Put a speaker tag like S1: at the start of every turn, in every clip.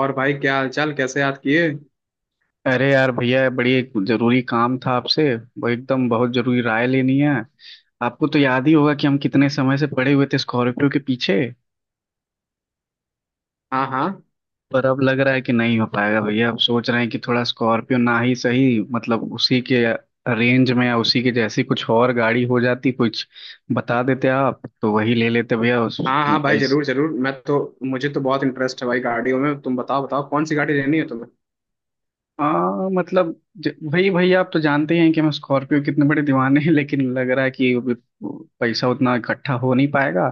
S1: और भाई, क्या हालचाल? कैसे याद किए?
S2: अरे यार भैया, बड़ी एक जरूरी काम था आपसे। वो एकदम बहुत जरूरी राय लेनी है। आपको तो याद ही होगा कि हम कितने समय से पड़े हुए थे स्कॉर्पियो के पीछे।
S1: हाँ हाँ।
S2: पर अब लग रहा है कि नहीं हो पाएगा भैया। अब सोच रहे हैं कि थोड़ा स्कॉर्पियो ना ही सही, मतलब उसी के रेंज में या उसी के जैसी कुछ और गाड़ी हो जाती, कुछ बता देते आप तो वही ले लेते भैया। उस
S1: हाँ हाँ भाई,
S2: पैसे।
S1: जरूर जरूर। मैं तो मुझे तो बहुत इंटरेस्ट है भाई गाड़ियों में। तुम बताओ बताओ, कौन सी गाड़ी लेनी है तुम्हें?
S2: हाँ, मतलब भाई भैया आप तो जानते ही हैं कि हम स्कॉर्पियो कितने बड़े दीवाने हैं। लेकिन लग रहा है कि अभी पैसा उतना इकट्ठा हो नहीं पाएगा।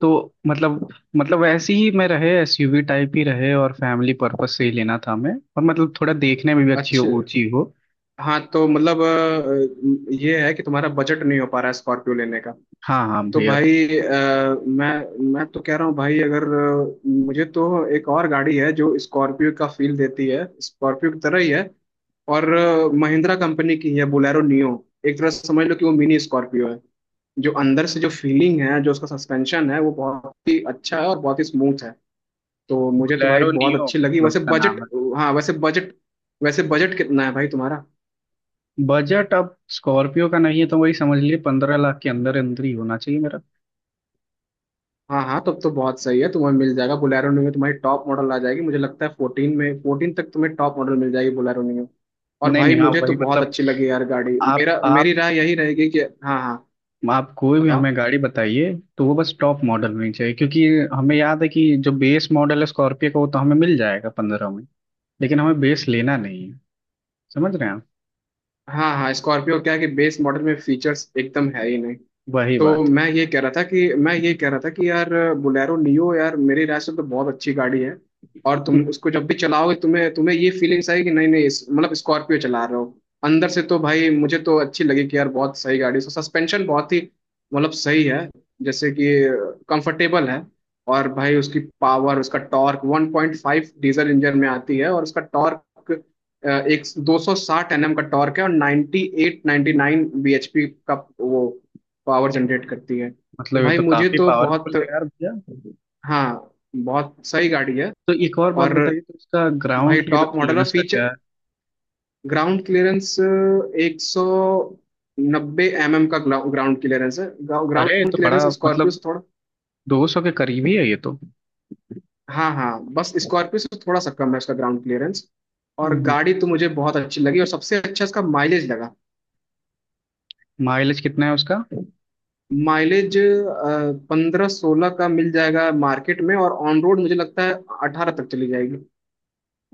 S2: तो मतलब मतलब वैसे ही मैं रहे एसयूवी टाइप ही रहे, और फैमिली पर्पस से ही लेना था हमें। और मतलब थोड़ा देखने में भी अच्छी हो,
S1: अच्छा।
S2: ऊंची हो।
S1: हाँ तो मतलब ये है कि तुम्हारा बजट नहीं हो पा रहा है स्कॉर्पियो लेने का।
S2: हाँ हाँ
S1: तो
S2: भैया।
S1: भाई, मैं तो कह रहा हूँ भाई, अगर मुझे तो एक और गाड़ी है जो स्कॉर्पियो का फील देती है, स्कॉर्पियो की तरह ही है। और महिंद्रा कंपनी की है, बोलेरो नियो। एक तरह से समझ लो कि वो मिनी स्कॉर्पियो है। जो अंदर से जो फीलिंग है, जो उसका सस्पेंशन है, वो बहुत ही अच्छा है और बहुत ही स्मूथ है। तो मुझे तो भाई
S2: बोलेरो
S1: बहुत
S2: नियो,
S1: अच्छी लगी।
S2: मतलब
S1: वैसे
S2: उसका
S1: बजट
S2: नाम?
S1: हाँ। वैसे बजट कितना है भाई तुम्हारा?
S2: है बजट, अब स्कॉर्पियो का नहीं है तो वही समझ लीजिए, 15 लाख के अंदर अंदर ही होना चाहिए मेरा।
S1: हाँ हाँ, तब तो बहुत सही है। तुम्हें मिल जाएगा बोलेरो में, तुम्हारी टॉप मॉडल आ जाएगी। मुझे लगता है फोर्टीन में, फोर्टीन तक तुम्हें टॉप मॉडल मिल जाएगी बोलेरो में। और
S2: नहीं
S1: भाई
S2: नहीं, हाँ
S1: मुझे तो
S2: वही
S1: बहुत
S2: मतलब।
S1: अच्छी लगी यार गाड़ी।
S2: आप
S1: मेरा
S2: आप
S1: मेरी राय यही रहेगी कि हाँ हाँ।
S2: आप कोई भी
S1: बताओ।
S2: हमें गाड़ी बताइए तो वो बस टॉप मॉडल होनी चाहिए, क्योंकि हमें याद है कि जो बेस मॉडल है स्कॉर्पियो का वो तो हमें मिल जाएगा 15 में। लेकिन हमें बेस लेना नहीं है, समझ रहे हैं आप।
S1: हाँ हाँ, स्कॉर्पियो क्या है कि बेस मॉडल में फीचर्स एकदम है ही नहीं।
S2: वही बात।
S1: मैं ये कह रहा था कि यार बोलेरो नियो यार, मेरी राय से तो बहुत अच्छी गाड़ी है। और तुम उसको जब भी चलाओगे तुम्हें तुम्हें ये फीलिंग्स आएगी कि नहीं नहीं, मतलब स्कॉर्पियो चला रहे हो अंदर से। तो भाई मुझे तो अच्छी लगी कि यार बहुत सही गाड़ी है। उसका सस्पेंशन बहुत ही मतलब सही है, जैसे कि कंफर्टेबल है। और भाई उसकी पावर, उसका टॉर्क 1.5 डीजल इंजन में आती है। और उसका टॉर्क अ, एक 260 एनएम का टॉर्क है और 98 99 bhp का वो पावर जनरेट करती है। तो
S2: मतलब ये
S1: भाई
S2: तो
S1: मुझे
S2: काफी
S1: तो बहुत
S2: पावरफुल है यार भैया।
S1: हाँ, बहुत सही गाड़ी है।
S2: तो एक और बात
S1: और
S2: बताइए, तो इसका ग्राउंड
S1: भाई टॉप मॉडल और
S2: क्लियरेंस का क्या
S1: फीचर,
S2: है?
S1: ग्राउंड क्लियरेंस 190 एम एम का ग्राउंड क्लियरेंस है।
S2: अरे ये
S1: ग्राउंड
S2: तो
S1: क्लियरेंस
S2: बड़ा,
S1: स्कॉर्पियो
S2: मतलब
S1: से थोड़ा
S2: दो सौ के करीब ही है ये तो।
S1: हाँ हाँ, बस स्कॉर्पियो से थोड़ा सा कम है उसका ग्राउंड क्लियरेंस। और
S2: हम्म।
S1: गाड़ी तो मुझे बहुत अच्छी लगी, और सबसे अच्छा इसका माइलेज लगा।
S2: माइलेज कितना है उसका?
S1: माइलेज पंद्रह सोलह का मिल जाएगा मार्केट में। और ऑन रोड मुझे लगता है अठारह तक चली जाएगी।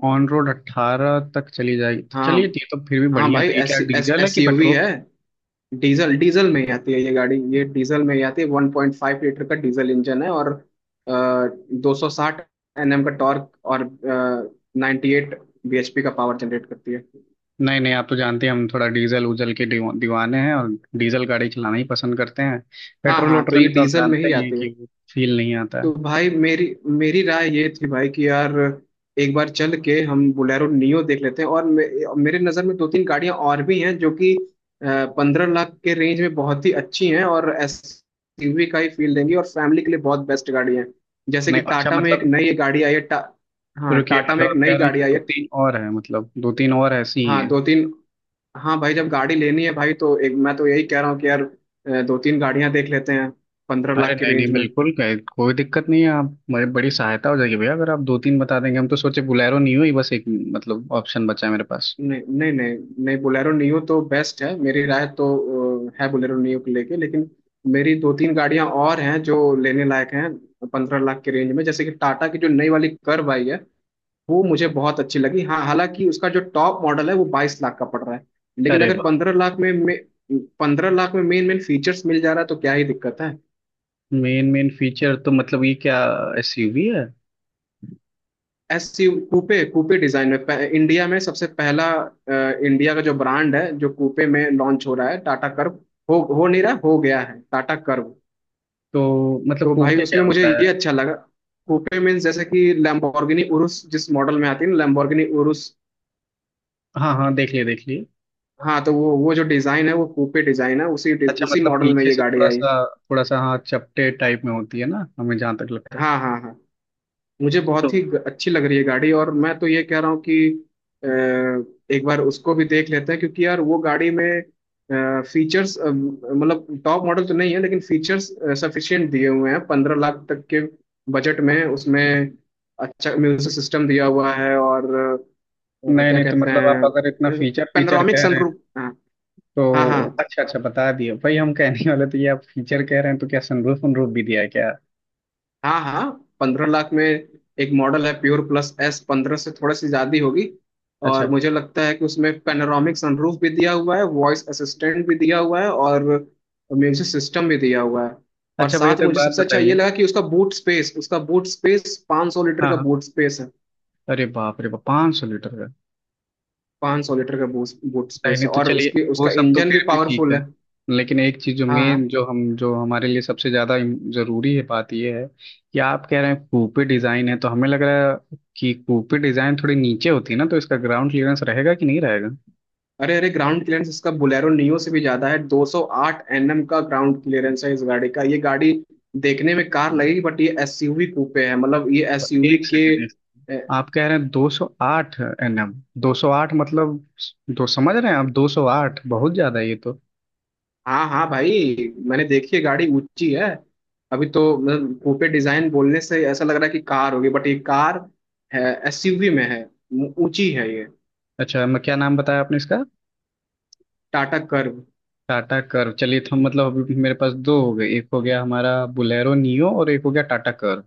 S2: ऑन रोड 18 तक चली जाएगी, तो
S1: हाँ
S2: चलिए ये तो फिर भी
S1: हाँ
S2: बढ़िया है।
S1: भाई,
S2: तो ये
S1: एस
S2: क्या
S1: एस
S2: डीजल है कि
S1: एसयूवी
S2: पेट्रोल?
S1: है। डीजल डीजल में ही आती है ये गाड़ी, ये डीजल में ही आती है। 1.5 लीटर का डीजल इंजन है और 260 एनएम का टॉर्क और 98 bhp का पावर जनरेट करती है।
S2: नहीं नहीं, आप तो जानते हैं हम थोड़ा डीजल उजल के दीवाने हैं, और डीजल गाड़ी चलाना ही पसंद करते हैं।
S1: हाँ
S2: पेट्रोल
S1: हाँ, तो
S2: वोट्रोल
S1: ये
S2: में तो आप
S1: डीजल में
S2: जानते
S1: ही
S2: ही हैं
S1: आती है।
S2: कि वो फील नहीं आता है।
S1: तो भाई मेरी मेरी राय ये थी भाई कि यार एक बार चल के हम बोलेरो नियो देख लेते हैं। और मेरे नज़र में दो तीन गाड़ियां और भी हैं जो कि पंद्रह लाख के रेंज में बहुत ही अच्छी हैं और एसयूवी का ही फील देंगी, और फैमिली के लिए बहुत बेस्ट गाड़ी है। जैसे कि
S2: नहीं, अच्छा,
S1: टाटा में एक
S2: मतलब
S1: नई गाड़ी आई है हाँ,
S2: रुकिए,
S1: टाटा में
S2: मतलब
S1: एक
S2: आप कह
S1: नई
S2: रहे हैं
S1: गाड़ी
S2: कि
S1: आई
S2: दो
S1: है।
S2: तीन और है, मतलब दो तीन और ऐसी ही
S1: हाँ
S2: है?
S1: दो तीन। हाँ भाई जब गाड़ी लेनी है भाई, तो एक मैं तो यही कह रहा हूँ कि यार दो तीन गाड़ियां देख लेते हैं पंद्रह
S2: अरे
S1: लाख की
S2: नहीं नहीं,
S1: रेंज में।
S2: बिल्कुल कोई दिक्कत नहीं है। आप मेरी बड़ी सहायता हो जाएगी भैया अगर आप दो तीन बता देंगे। हम तो सोचे बुलेरो नहीं हुई, बस एक मतलब ऑप्शन बचा है मेरे पास।
S1: नहीं नहीं नहीं। नहीं, बोलेरो नियो तो बेस्ट है, मेरी राय तो है बोलेरो नियो को लेके। लेकिन मेरी दो तीन गाड़ियां और हैं जो लेने लायक हैं 15 लाख के रेंज में। जैसे कि टाटा की जो नई वाली कर्व आई है, वो मुझे बहुत अच्छी लगी। हाँ, हालांकि उसका जो टॉप मॉडल है वो 22 लाख का पड़ रहा है। लेकिन
S2: अरे
S1: अगर
S2: वाह!
S1: पंद्रह लाख में मेन मेन फीचर्स मिल जा रहा है तो क्या ही दिक्कत है।
S2: मेन मेन फीचर तो मतलब ये क्या एसयूवी है?
S1: एसयू कूपे, कूपे डिजाइन में इंडिया में सबसे पहला इंडिया का जो ब्रांड है जो कूपे में लॉन्च हो रहा है, टाटा कर्व। हो नहीं रहा हो गया है टाटा कर्व।
S2: तो मतलब
S1: तो भाई
S2: कूपे क्या
S1: उसमें मुझे
S2: होता है?
S1: ये अच्छा लगा। कूपे मीन्स जैसे कि लैम्बोर्गिनी उरुस जिस मॉडल में आती है ना, लैम्बोर्गिनी उरुस।
S2: हाँ हाँ, देख लिए देख लिए।
S1: हाँ, तो वो जो डिजाइन है वो कूपे डिजाइन है,
S2: अच्छा,
S1: उसी
S2: मतलब
S1: मॉडल में
S2: पीछे
S1: ये
S2: से
S1: गाड़ी
S2: थोड़ा
S1: आई।
S2: सा, थोड़ा सा, हाँ, चपटे टाइप में होती है ना, हमें जहाँ तक लगता है।
S1: हाँ हाँ हाँ। मुझे
S2: तो
S1: बहुत ही अच्छी लग रही है गाड़ी। और मैं तो ये कह रहा हूँ कि अ, एक बार उसको भी देख लेते हैं, क्योंकि यार वो गाड़ी में फीचर्स मतलब टॉप मॉडल तो नहीं है लेकिन फीचर्स सफिशिएंट दिए हुए हैं 15 लाख तक के बजट में। उसमें अच्छा म्यूजिक सिस्टम दिया हुआ है और
S2: नहीं
S1: क्या
S2: नहीं, तो
S1: कहते
S2: मतलब आप अगर इतना
S1: हैं,
S2: फीचर फीचर
S1: पेनोरामिक
S2: कह रहे हैं
S1: सनरूफ। हाँ हाँ।
S2: तो
S1: हाँ
S2: अच्छा अच्छा बता दिए भाई, हम कहने वाले तो ये। आप फीचर कह रहे हैं तो क्या सनरूफ वनरूफ भी दिया है क्या?
S1: हाँ। हाँ। पंद्रह लाख में एक मॉडल है प्योर प्लस एस, पंद्रह से थोड़ा सी ज्यादा ही होगी।
S2: अच्छा।
S1: और मुझे लगता है कि उसमें पैनोरामिक सनरूफ भी दिया हुआ है, वॉइस असिस्टेंट भी दिया हुआ है, और म्यूजिक सिस्टम भी दिया हुआ है। और
S2: अच्छा भैया
S1: साथ
S2: तो एक
S1: मुझे
S2: बात
S1: सबसे अच्छा ये
S2: बताइए।
S1: लगा कि उसका बूट स्पेस 500 लीटर
S2: हाँ
S1: का
S2: हाँ।
S1: बूट स्पेस है।
S2: अरे बाप रे बाप, 500 लीटर का?
S1: 500 लीटर का बूट बूट
S2: नहीं
S1: स्पेस
S2: नहीं,
S1: है।
S2: तो
S1: और
S2: चलिए
S1: उसकी
S2: वो
S1: उसका
S2: सब तो
S1: इंजन भी
S2: फिर भी ठीक
S1: पावरफुल
S2: है।
S1: है।
S2: लेकिन एक चीज जो
S1: हाँ
S2: मेन,
S1: हाँ।
S2: जो हम, जो हमारे लिए सबसे ज्यादा जरूरी है, बात ये है कि आप कह रहे हैं कूपे डिजाइन है, तो हमें लग रहा है कि कूपे डिजाइन थोड़ी नीचे होती है ना, तो इसका ग्राउंड क्लियरेंस रहेगा कि नहीं रहेगा?
S1: अरे अरे, ग्राउंड क्लियरेंस इसका बोलेरो नियो से भी ज्यादा है। 208 एनएम का ग्राउंड क्लियरेंस है इस गाड़ी का। ये गाड़ी देखने में कार लगेगी, बट ये एसयूवी कूपे है। मतलब ये एसयूवी
S2: एक
S1: के
S2: सेकेंड,
S1: ए,
S2: आप कह रहे हैं 208 एनएम? 208 मतलब दो, समझ रहे हैं आप, 208 बहुत ज्यादा है ये तो।
S1: हाँ हाँ भाई, मैंने देखी है गाड़ी, ऊंची है। अभी तो मतलब कूपे डिजाइन बोलने से ऐसा लग रहा है कि कार होगी, बट ये कार है, एसयूवी में है, ऊंची है ये।
S2: अच्छा, मैं क्या नाम बताया आपने इसका?
S1: टाटा कर्व।
S2: टाटा कर्व। चलिए, तो हम मतलब अभी मेरे पास दो हो गए, एक हो गया हमारा बुलेरो नियो और एक हो गया टाटा कर्व।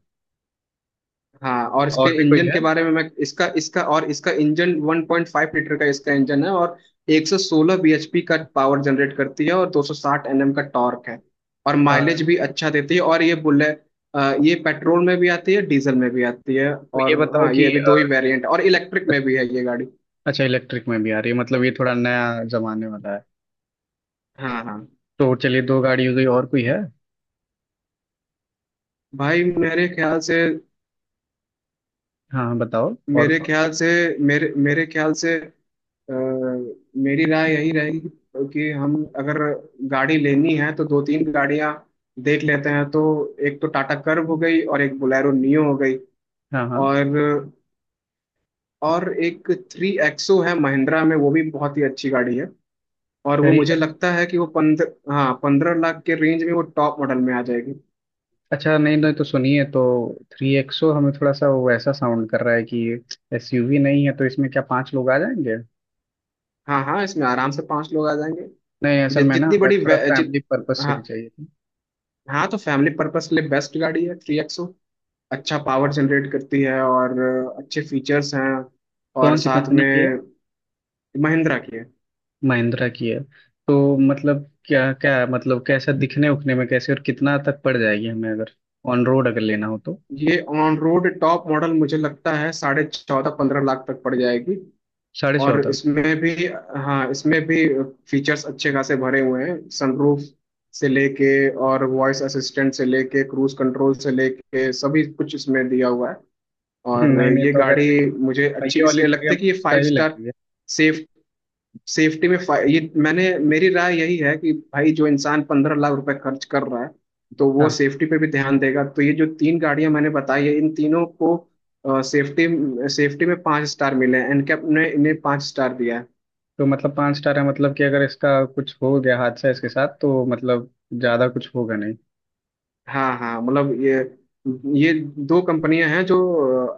S1: हाँ, और इसके
S2: और भी कोई
S1: इंजन
S2: है?
S1: के बारे में मैं इसका इसका और इसका इंजन 1.5 लीटर का इसका इंजन है, और 116 bhp का पावर जनरेट करती है और 260 nm का टॉर्क है। और
S2: अ,
S1: माइलेज भी अच्छा देती है। और ये ये पेट्रोल में भी आती है, डीजल में भी आती है।
S2: तो ये
S1: और
S2: बताओ
S1: हाँ, ये
S2: कि
S1: अभी दो ही वेरिएंट और इलेक्ट्रिक में भी है ये गाड़ी।
S2: अच्छा, इलेक्ट्रिक में भी आ रही है, मतलब ये थोड़ा नया जमाने वाला है।
S1: हाँ हाँ
S2: तो चलिए दो गाड़ी हो गई, और कोई है?
S1: भाई
S2: हाँ हाँ बताओ, और
S1: मेरे
S2: कौन-।
S1: ख्याल से मेरे मेरे ख्याल से अ, मेरी राय यही रहेगी कि हम, अगर गाड़ी लेनी है तो दो तीन गाड़ियां देख लेते हैं। तो एक तो टाटा कर्व हो गई और एक बोलेरो नियो हो गई।
S2: हाँ हाँ,
S1: और और एक थ्री एक्सो है महिंद्रा में, वो भी बहुत ही अच्छी गाड़ी है। और वो
S2: थ्री
S1: मुझे
S2: एक्स।
S1: लगता है कि वो पंद्रह हाँ, पंद्रह लाख के रेंज में वो टॉप मॉडल में आ जाएगी।
S2: अच्छा नहीं नहीं, तो सुनिए, तो थ्री एक्सो हमें थोड़ा सा वो ऐसा साउंड कर रहा है कि एसयूवी नहीं है, तो इसमें क्या 5 लोग आ जाएंगे?
S1: हाँ हाँ, इसमें आराम से पांच लोग आ जाएंगे।
S2: नहीं, असल
S1: जि,
S2: में ना
S1: जितनी
S2: मैं
S1: बड़ी
S2: थोड़ा
S1: वे- जि,
S2: फैमिली पर्पस से
S1: हाँ।
S2: भी चाहिए थी।
S1: हाँ, तो फैमिली पर्पस के लिए बेस्ट गाड़ी है थ्री एक्सो। अच्छा पावर जनरेट करती है और अच्छे फीचर्स हैं। और
S2: कौन सी
S1: साथ
S2: कंपनी
S1: में
S2: की है?
S1: महिंद्रा की है।
S2: महिंद्रा की है? तो मतलब क्या क्या, मतलब कैसा दिखने उखने में कैसे, और कितना तक पड़ जाएगी हमें अगर ऑन रोड अगर लेना हो तो?
S1: ये ऑन रोड टॉप मॉडल मुझे लगता है साढ़े चौदह पंद्रह लाख तक पड़ जाएगी।
S2: साढ़े
S1: और
S2: चौदह
S1: इसमें भी हाँ, इसमें भी फीचर्स अच्छे खासे भरे हुए हैं, सनरूफ से लेके और वॉइस असिस्टेंट से लेके क्रूज कंट्रोल से लेके सभी कुछ इसमें दिया हुआ है। और
S2: नहीं नहीं,
S1: ये
S2: तो अगर
S1: गाड़ी मुझे
S2: ये
S1: अच्छी
S2: ये वाली
S1: इसलिए
S2: थोड़ी
S1: लगती
S2: हमें
S1: है कि ये फाइव
S2: सही लग
S1: स्टार
S2: रही है।
S1: सेफ, सेफ्टी में ये मैंने, मेरी राय यही है कि भाई जो इंसान पंद्रह लाख रुपए खर्च कर रहा है तो वो
S2: हाँ।
S1: सेफ्टी पे भी ध्यान देगा। तो ये जो तीन गाड़ियां मैंने बताई है, इन तीनों को सेफ्टी सेफ्टी में पांच स्टार मिले हैं, एनकैप ने इन्हें पांच स्टार दिया है।
S2: तो मतलब 5 स्टार है, मतलब कि अगर इसका कुछ हो गया हादसा इसके साथ तो मतलब ज़्यादा कुछ होगा नहीं?
S1: हाँ हाँ, मतलब ये दो कंपनियां हैं जो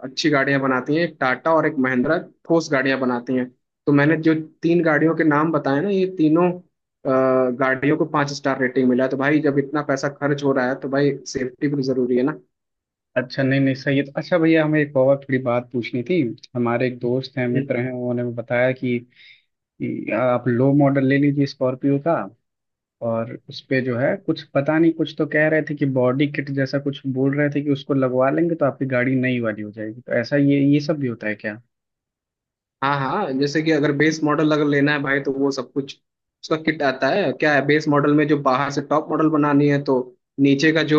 S1: अच्छी गाड़ियां बनाती हैं, एक टाटा और एक महिंद्रा, ठोस गाड़ियां बनाती हैं। तो मैंने जो तीन गाड़ियों के नाम बताए ना, ये तीनों गाड़ियों को पाँच स्टार रेटिंग मिला है। तो भाई जब इतना पैसा खर्च हो रहा है तो भाई सेफ्टी भी जरूरी है।
S2: अच्छा नहीं नहीं सही है। तो अच्छा भैया, हमें एक और थोड़ी बात पूछनी थी। हमारे एक दोस्त हैं,
S1: ना।
S2: मित्र हैं, उन्होंने बताया कि आप लो मॉडल ले लीजिए स्कॉर्पियो का, और उस पे जो है, कुछ पता नहीं, कुछ तो कह रहे थे कि बॉडी किट जैसा कुछ बोल रहे थे कि उसको लगवा लेंगे तो आपकी गाड़ी नई वाली हो जाएगी। तो ऐसा ये सब भी होता है क्या?
S1: हाँ हाँ, जैसे कि अगर बेस मॉडल अगर लेना है भाई तो वो सब कुछ उसका किट आता है। क्या है, बेस मॉडल में जो बाहर से टॉप मॉडल बनानी है तो नीचे का जो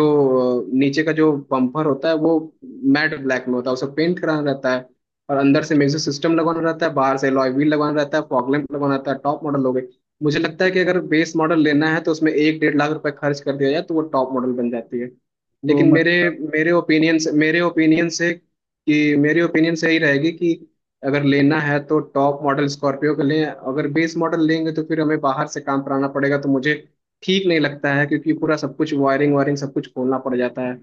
S1: नीचे का जो बम्पर होता है वो मैट ब्लैक में होता है, उसे पेंट कराना रहता है। और अंदर से म्यूजिक सिस्टम लगवाना रहता है, बाहर से अलॉय व्हील लगवाना रहता है, फॉग लैंप लगवाना रहता है, टॉप मॉडल हो गई। मुझे लगता है कि अगर बेस मॉडल लेना है तो उसमें 1 से 1.5 लाख रुपए खर्च कर दिया जाए तो वो टॉप मॉडल बन जाती है।
S2: तो
S1: लेकिन मेरे
S2: मतलब।
S1: मेरे ओपिनियन से कि मेरे ओपिनियन से यही रहेगी कि अगर लेना है तो टॉप मॉडल स्कॉर्पियो का लें। अगर बेस मॉडल लेंगे तो फिर हमें बाहर से काम कराना पड़ेगा, तो मुझे ठीक नहीं लगता है, क्योंकि पूरा सब कुछ वायरिंग वायरिंग सब कुछ खोलना पड़ जाता है।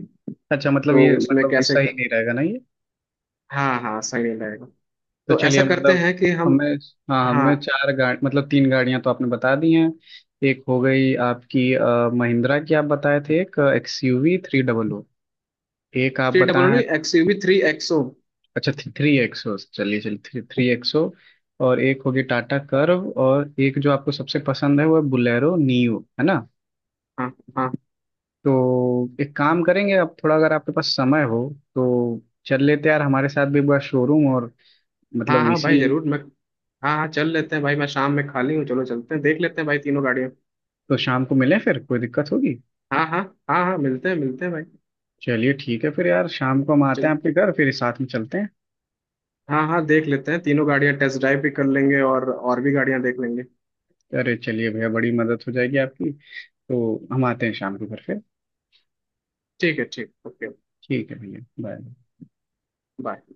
S2: अच्छा, मतलब
S1: तो
S2: ये,
S1: उसमें
S2: मतलब ये
S1: कैसे
S2: सही
S1: कर,
S2: नहीं रहेगा ना ये।
S1: हाँ हाँ, सही नहीं लगेगा।
S2: तो
S1: तो ऐसा
S2: चलिए
S1: करते
S2: मतलब
S1: हैं कि हम
S2: हमें। हाँ,
S1: हाँ।
S2: हमें चार गाड़ी, मतलब तीन गाड़ियां तो आपने बता दी हैं। एक हो गई आपकी महिंद्रा की, आप बताए थे, एक एक्सयूवी थ्री डबल ओ। एक आप
S1: थ्री डबल
S2: बताए हैं।
S1: नहीं, एक्सयूवी थ्री एक्सो।
S2: अच्छा थ्री एक्सो, चलिए चलिए, थ्री थ्री एक्सो। और एक होगी टाटा कर्व, और एक जो आपको सबसे पसंद है वो है बुलेरो नियो, है ना?
S1: हाँ हाँ।
S2: तो एक काम करेंगे, आप थोड़ा अगर आपके पास समय हो तो चल लेते हैं यार हमारे साथ भी एक बार शोरूम, और
S1: हाँ
S2: मतलब
S1: हाँ
S2: इसी।
S1: भाई जरूर मैं, हाँ हाँ चल लेते हैं भाई, मैं शाम में खाली हूँ। चलो चलते हैं, देख लेते हैं भाई तीनों गाड़ियाँ।
S2: तो शाम को मिलें फिर, कोई दिक्कत होगी?
S1: हाँ हाँ। हाँ हाँ, मिलते हैं भाई।
S2: चलिए ठीक है फिर यार, शाम को हम आते हैं
S1: चल,
S2: आपके घर, फिर साथ में चलते हैं।
S1: हाँ हाँ देख लेते हैं तीनों गाड़ियाँ, टेस्ट ड्राइव भी कर लेंगे, और भी गाड़ियाँ देख लेंगे।
S2: अरे चलिए भैया, बड़ी मदद हो जाएगी आपकी। तो हम आते हैं शाम को घर फिर।
S1: ठीक है, ठीक, ओके।
S2: ठीक है भैया, बाय।
S1: बाय।